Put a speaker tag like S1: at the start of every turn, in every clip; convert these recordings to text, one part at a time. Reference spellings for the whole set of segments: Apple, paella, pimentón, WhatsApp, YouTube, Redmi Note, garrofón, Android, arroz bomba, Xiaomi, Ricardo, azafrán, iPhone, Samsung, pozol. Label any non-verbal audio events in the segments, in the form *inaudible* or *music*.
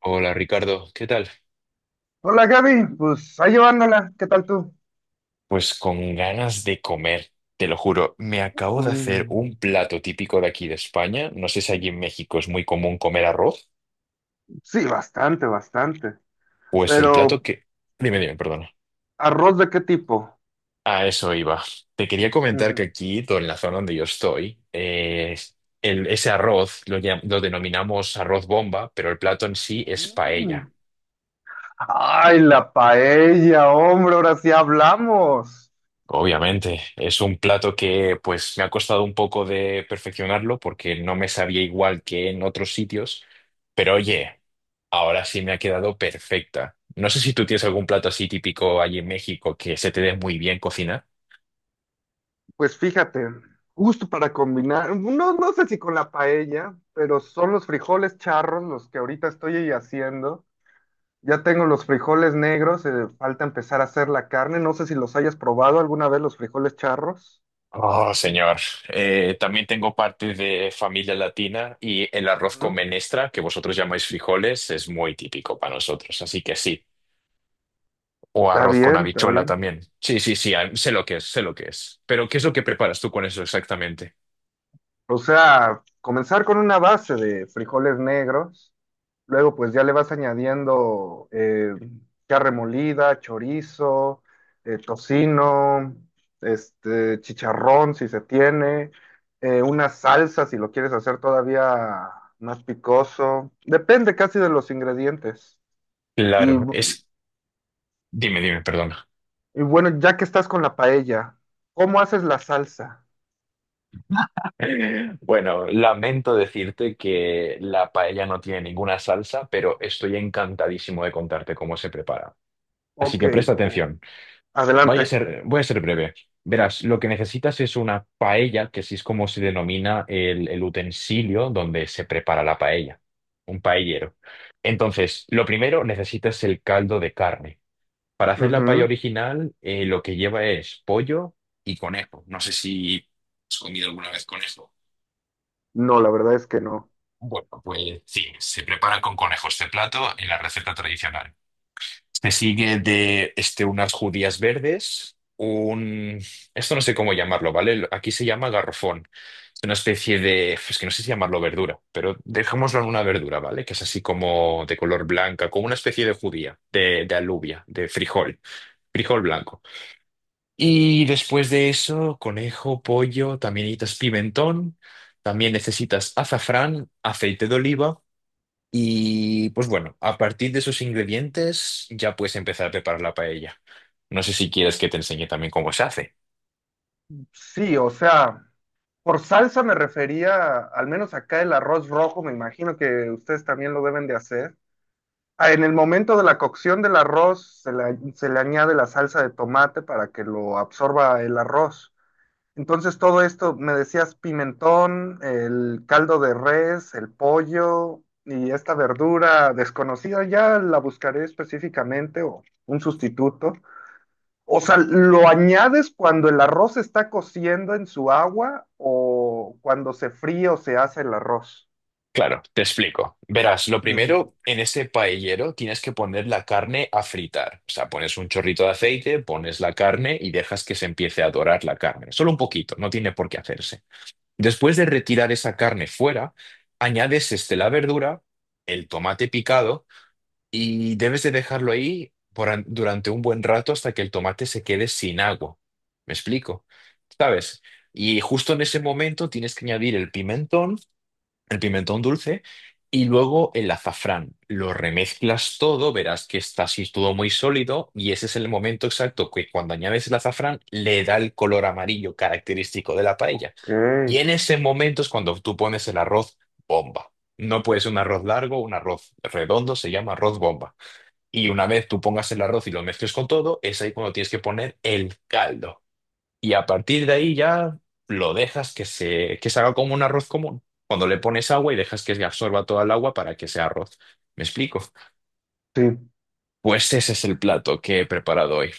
S1: Hola Ricardo, ¿qué tal?
S2: Hola Gaby, pues ahí llevándola, ¿qué tal tú?
S1: Pues con ganas de comer, te lo juro. Me acabo de hacer
S2: Mm,
S1: un plato típico de aquí de España. No sé si allí en México es muy común comer arroz.
S2: sí, bastante, bastante.
S1: Pues el plato
S2: Pero,
S1: que... Dime, perdona.
S2: ¿arroz de qué tipo?
S1: A eso iba. Te quería comentar que
S2: Ujú.
S1: aquí, en la zona donde yo estoy, ese arroz lo denominamos arroz bomba, pero el plato en sí es paella.
S2: Mm. Ay, la paella, hombre, ahora sí hablamos.
S1: Obviamente, es un plato que pues me ha costado un poco de perfeccionarlo porque no me sabía igual que en otros sitios, pero oye, ahora sí me ha quedado perfecta. No sé si tú tienes algún plato así típico allí en México que se te dé muy bien cocinar.
S2: Pues fíjate, justo para combinar, no, no sé si con la paella, pero son los frijoles charros los que ahorita estoy haciendo. Ya tengo los frijoles negros, falta empezar a hacer la carne. No sé si los hayas probado alguna vez los frijoles charros.
S1: Oh, señor. También tengo parte de familia latina y el arroz con
S2: Ujú.
S1: menestra, que vosotros llamáis frijoles, es muy típico para nosotros, así que sí. O
S2: Está
S1: arroz con
S2: bien, está
S1: habichuela
S2: bien.
S1: también. Sí, sí, sí, ah, sé lo que es, sé lo que es. Pero, ¿qué es lo que preparas tú con eso exactamente?
S2: O sea, comenzar con una base de frijoles negros, luego pues ya le vas añadiendo carne molida, chorizo, tocino, chicharrón si se tiene, una salsa si lo quieres hacer todavía más picoso. Depende casi de los ingredientes. Y,
S1: Claro,
S2: bu-
S1: es... Dime, perdona.
S2: y bueno, ya que estás con la paella, ¿cómo haces la salsa?
S1: *laughs* Bueno, lamento decirte que la paella no tiene ninguna salsa, pero estoy encantadísimo de contarte cómo se prepara. Así
S2: Ok,
S1: que presta atención. Voy a
S2: adelante.
S1: ser, voy a ser breve. Verás, lo que necesitas es una paella, que así es como se denomina el utensilio donde se prepara la paella, un paellero. Entonces, lo primero necesitas el caldo de carne. Para hacer la paella original, lo que lleva es pollo y conejo. No sé si has comido alguna vez conejo.
S2: No, la verdad es que no.
S1: Bueno, pues sí, se prepara con conejos de plato en la receta tradicional. Me sigue de este, unas judías verdes, un... Esto no sé cómo llamarlo, ¿vale? Aquí se llama garrofón. Es una especie de... Es que no sé si llamarlo verdura, pero dejémoslo en una verdura, ¿vale? Que es así como de color blanca, como una especie de judía, de alubia, de frijol, frijol blanco. Y después de eso, conejo, pollo, también necesitas pimentón, también necesitas azafrán, aceite de oliva. Y pues bueno, a partir de esos ingredientes ya puedes empezar a preparar la paella. No sé si quieres que te enseñe también cómo se hace.
S2: Sí, o sea, por salsa me refería, al menos acá el arroz rojo, me imagino que ustedes también lo deben de hacer. Ah, en el momento de la cocción del arroz se le añade la salsa de tomate para que lo absorba el arroz. Entonces todo esto, me decías pimentón, el caldo de res, el pollo y esta verdura desconocida, ya la buscaré específicamente o un sustituto. O sea, ¿lo añades cuando el arroz está cociendo en su agua o cuando se fríe o se hace el arroz?
S1: Claro, te explico. Verás, lo
S2: Ujú.
S1: primero, en ese paellero tienes que poner la carne a fritar. O sea, pones un chorrito de aceite, pones la carne y dejas que se empiece a dorar la carne. Solo un poquito, no tiene por qué hacerse. Después de retirar esa carne fuera, añades este, la verdura, el tomate picado y debes de dejarlo ahí por durante un buen rato hasta que el tomate se quede sin agua. ¿Me explico? ¿Sabes? Y justo en ese momento tienes que añadir el pimentón dulce y luego el azafrán. Lo remezclas todo, verás que está así todo muy sólido y ese es el momento exacto que cuando añades el azafrán le da el color amarillo característico de la paella.
S2: Ok,
S1: Y en ese momento es cuando tú pones el arroz bomba. No puede ser un arroz largo, un arroz redondo, se llama arroz bomba. Y una vez tú pongas el arroz y lo mezcles con todo, es ahí cuando tienes que poner el caldo. Y a partir de ahí ya lo dejas que se haga como un arroz común. Cuando le pones agua y dejas que absorba toda el agua para que sea arroz. ¿Me explico?
S2: sí.
S1: Pues ese es el plato que he preparado hoy.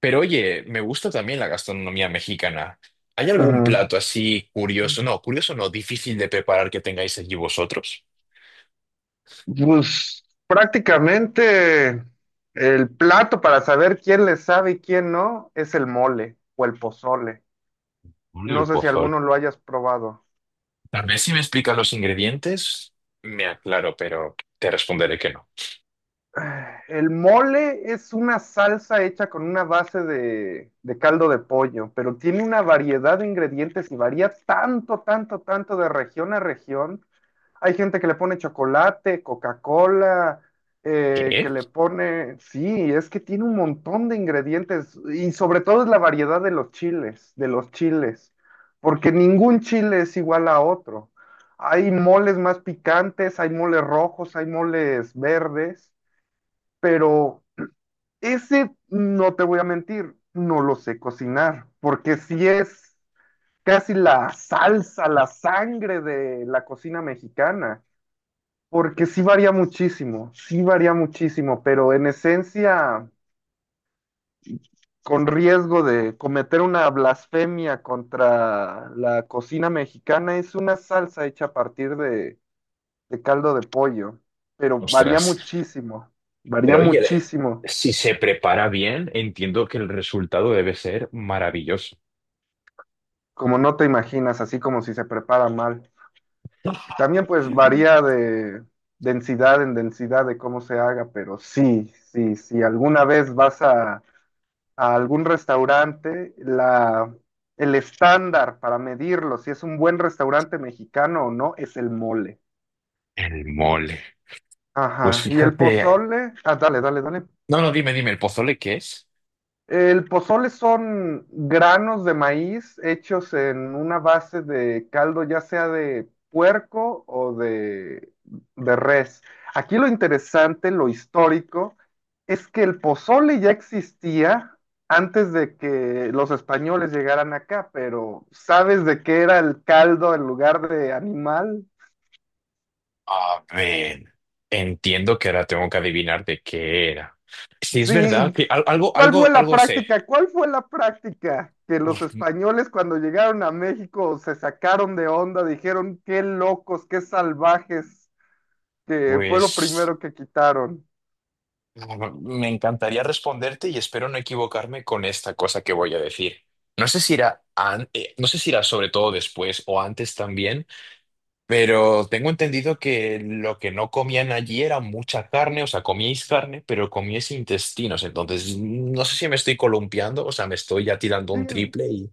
S1: Pero oye, me gusta también la gastronomía mexicana. ¿Hay algún
S2: Ajá.
S1: plato así curioso? No, curioso no, difícil de preparar que tengáis allí vosotros.
S2: Pues prácticamente el plato para saber quién le sabe y quién no es el mole o el pozole.
S1: Hombre,
S2: No
S1: el
S2: sé si
S1: pozol.
S2: alguno lo hayas probado.
S1: Tal vez si me explicas los ingredientes, me aclaro, pero te responderé que no.
S2: El mole es una salsa hecha con una base de caldo de pollo, pero tiene una variedad de ingredientes y varía tanto, tanto, tanto de región a región. Hay gente que le pone chocolate, Coca-Cola, que
S1: ¿Qué?
S2: le pone, sí, es que tiene un montón de ingredientes y sobre todo es la variedad de los chiles, porque ningún chile es igual a otro. Hay moles más picantes, hay moles rojos, hay moles verdes, pero ese, no te voy a mentir, no lo sé cocinar, porque si es casi la salsa, la sangre de la cocina mexicana, porque sí varía muchísimo, pero en esencia, con riesgo de cometer una blasfemia contra la cocina mexicana, es una salsa hecha a partir de caldo de pollo, pero varía
S1: Ostras.
S2: muchísimo, varía
S1: Pero oye,
S2: muchísimo.
S1: si se prepara bien, entiendo que el resultado debe ser maravilloso.
S2: Como no te imaginas, así como si se prepara mal. También pues varía de densidad en densidad de cómo se haga, pero sí, sí, si alguna vez vas a algún restaurante, el estándar para medirlo, si es un buen restaurante mexicano o no, es el mole.
S1: El mole. Pues
S2: Ajá, y el
S1: fíjate.
S2: pozole, ah, dale, dale, dale.
S1: No, no, dime, dime, ¿el pozole qué es?
S2: El pozole son granos de maíz hechos en una base de caldo, ya sea de puerco o de res. Aquí lo interesante, lo histórico, es que el pozole ya existía antes de que los españoles llegaran acá, pero ¿sabes de qué era el caldo en lugar de animal?
S1: A ver, entiendo que ahora tengo que adivinar de qué era. Si es verdad
S2: Sí,
S1: que algo,
S2: ¿cuál
S1: algo,
S2: fue la
S1: algo sé.
S2: práctica? ¿Cuál fue la práctica que los
S1: Uf,
S2: españoles cuando llegaron a México se sacaron de onda, dijeron qué locos, qué salvajes, que fue lo
S1: pues
S2: primero que quitaron?
S1: me encantaría responderte y espero no equivocarme con esta cosa que voy a decir. No sé si irá, no sé si irá sobre todo después o antes también. Pero tengo entendido que lo que no comían allí era mucha carne, o sea, comíais carne, pero comíais intestinos. Entonces, no sé si me estoy columpiando, o sea, me estoy ya tirando
S2: Sí,
S1: un triple y...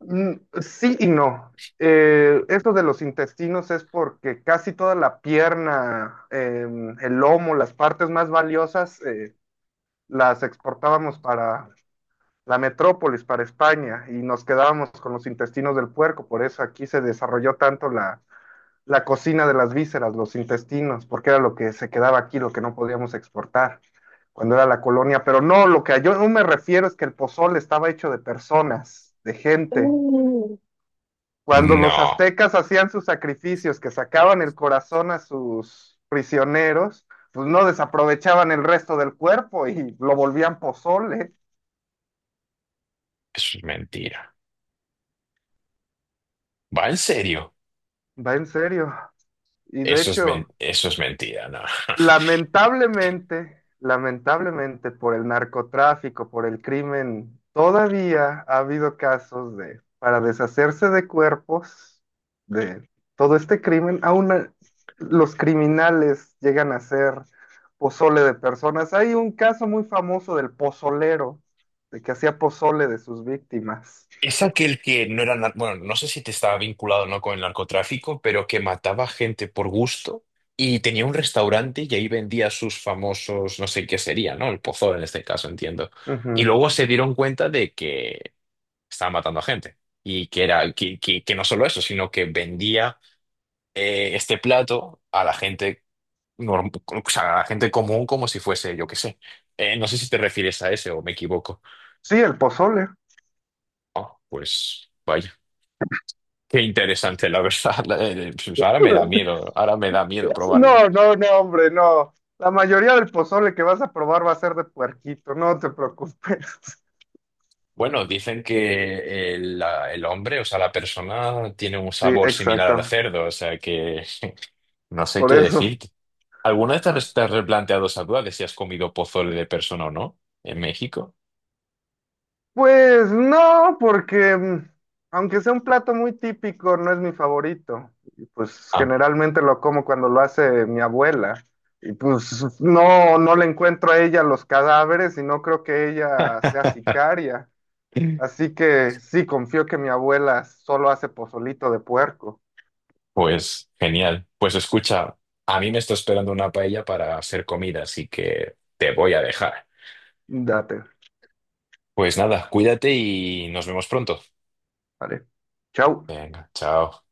S2: mm, sí y no. Esto de los intestinos es porque casi toda la pierna, el lomo, las partes más valiosas, las exportábamos para la metrópolis para España y nos quedábamos con los intestinos del puerco, por eso aquí se desarrolló tanto la cocina de las vísceras, los intestinos, porque era lo que se quedaba aquí, lo que no podíamos exportar cuando era la colonia, pero no, lo que yo no me refiero es que el pozole estaba hecho de personas, de gente. Cuando los
S1: No,
S2: aztecas hacían sus sacrificios, que sacaban el corazón a sus prisioneros, pues no desaprovechaban el resto del cuerpo y lo volvían pozole,
S1: eso es mentira. ¿Va en serio?
S2: va en serio. Y de hecho,
S1: Eso es mentira, no. *laughs*
S2: Lamentablemente, lamentablemente por el narcotráfico, por el crimen, todavía ha habido casos de, para deshacerse de cuerpos, de todo este crimen, los criminales llegan a ser pozole de personas. Hay un caso muy famoso del pozolero, de que hacía pozole de sus víctimas.
S1: Es aquel que no era, bueno, no sé si te estaba vinculado o no con el narcotráfico, pero que mataba gente por gusto y tenía un restaurante y ahí vendía sus famosos, no sé qué sería, ¿no? El pozol en este caso, entiendo. Y
S2: Ujú.
S1: luego se dieron cuenta de que estaba matando a gente y que era, que no solo eso, sino que vendía este plato a la gente norm- o sea, a la gente común como si fuese, yo qué sé. No sé si te refieres a ese o me equivoco.
S2: Sí, el pozole.
S1: Ah, pues. Qué interesante, la verdad. *laughs* Pues ahora me da
S2: *laughs*
S1: miedo, ahora me da miedo probarlo.
S2: No, no, no, hombre, no. La mayoría del pozole que vas a probar va a ser de puerquito, no te preocupes. *laughs*
S1: Bueno, dicen que el hombre, o sea, la persona tiene un
S2: Sí,
S1: sabor similar al
S2: exacto.
S1: cerdo, o sea que *laughs* no sé
S2: Por
S1: qué
S2: eso.
S1: decirte. ¿Alguna vez te has replanteado esa duda de si has comido pozole de persona o no en México?
S2: Pues no, porque aunque sea un plato muy típico, no es mi favorito. Pues
S1: Ah,
S2: generalmente lo como cuando lo hace mi abuela. Y pues no, no le encuentro a ella los cadáveres y no creo que ella sea sicaria. Así que sí, confío que mi abuela solo hace pozolito de puerco.
S1: pues genial. Pues escucha, a mí me está esperando una paella para hacer comida, así que te voy a dejar.
S2: Date.
S1: Pues nada, cuídate y nos vemos pronto.
S2: Vale. Chao.
S1: Venga, chao.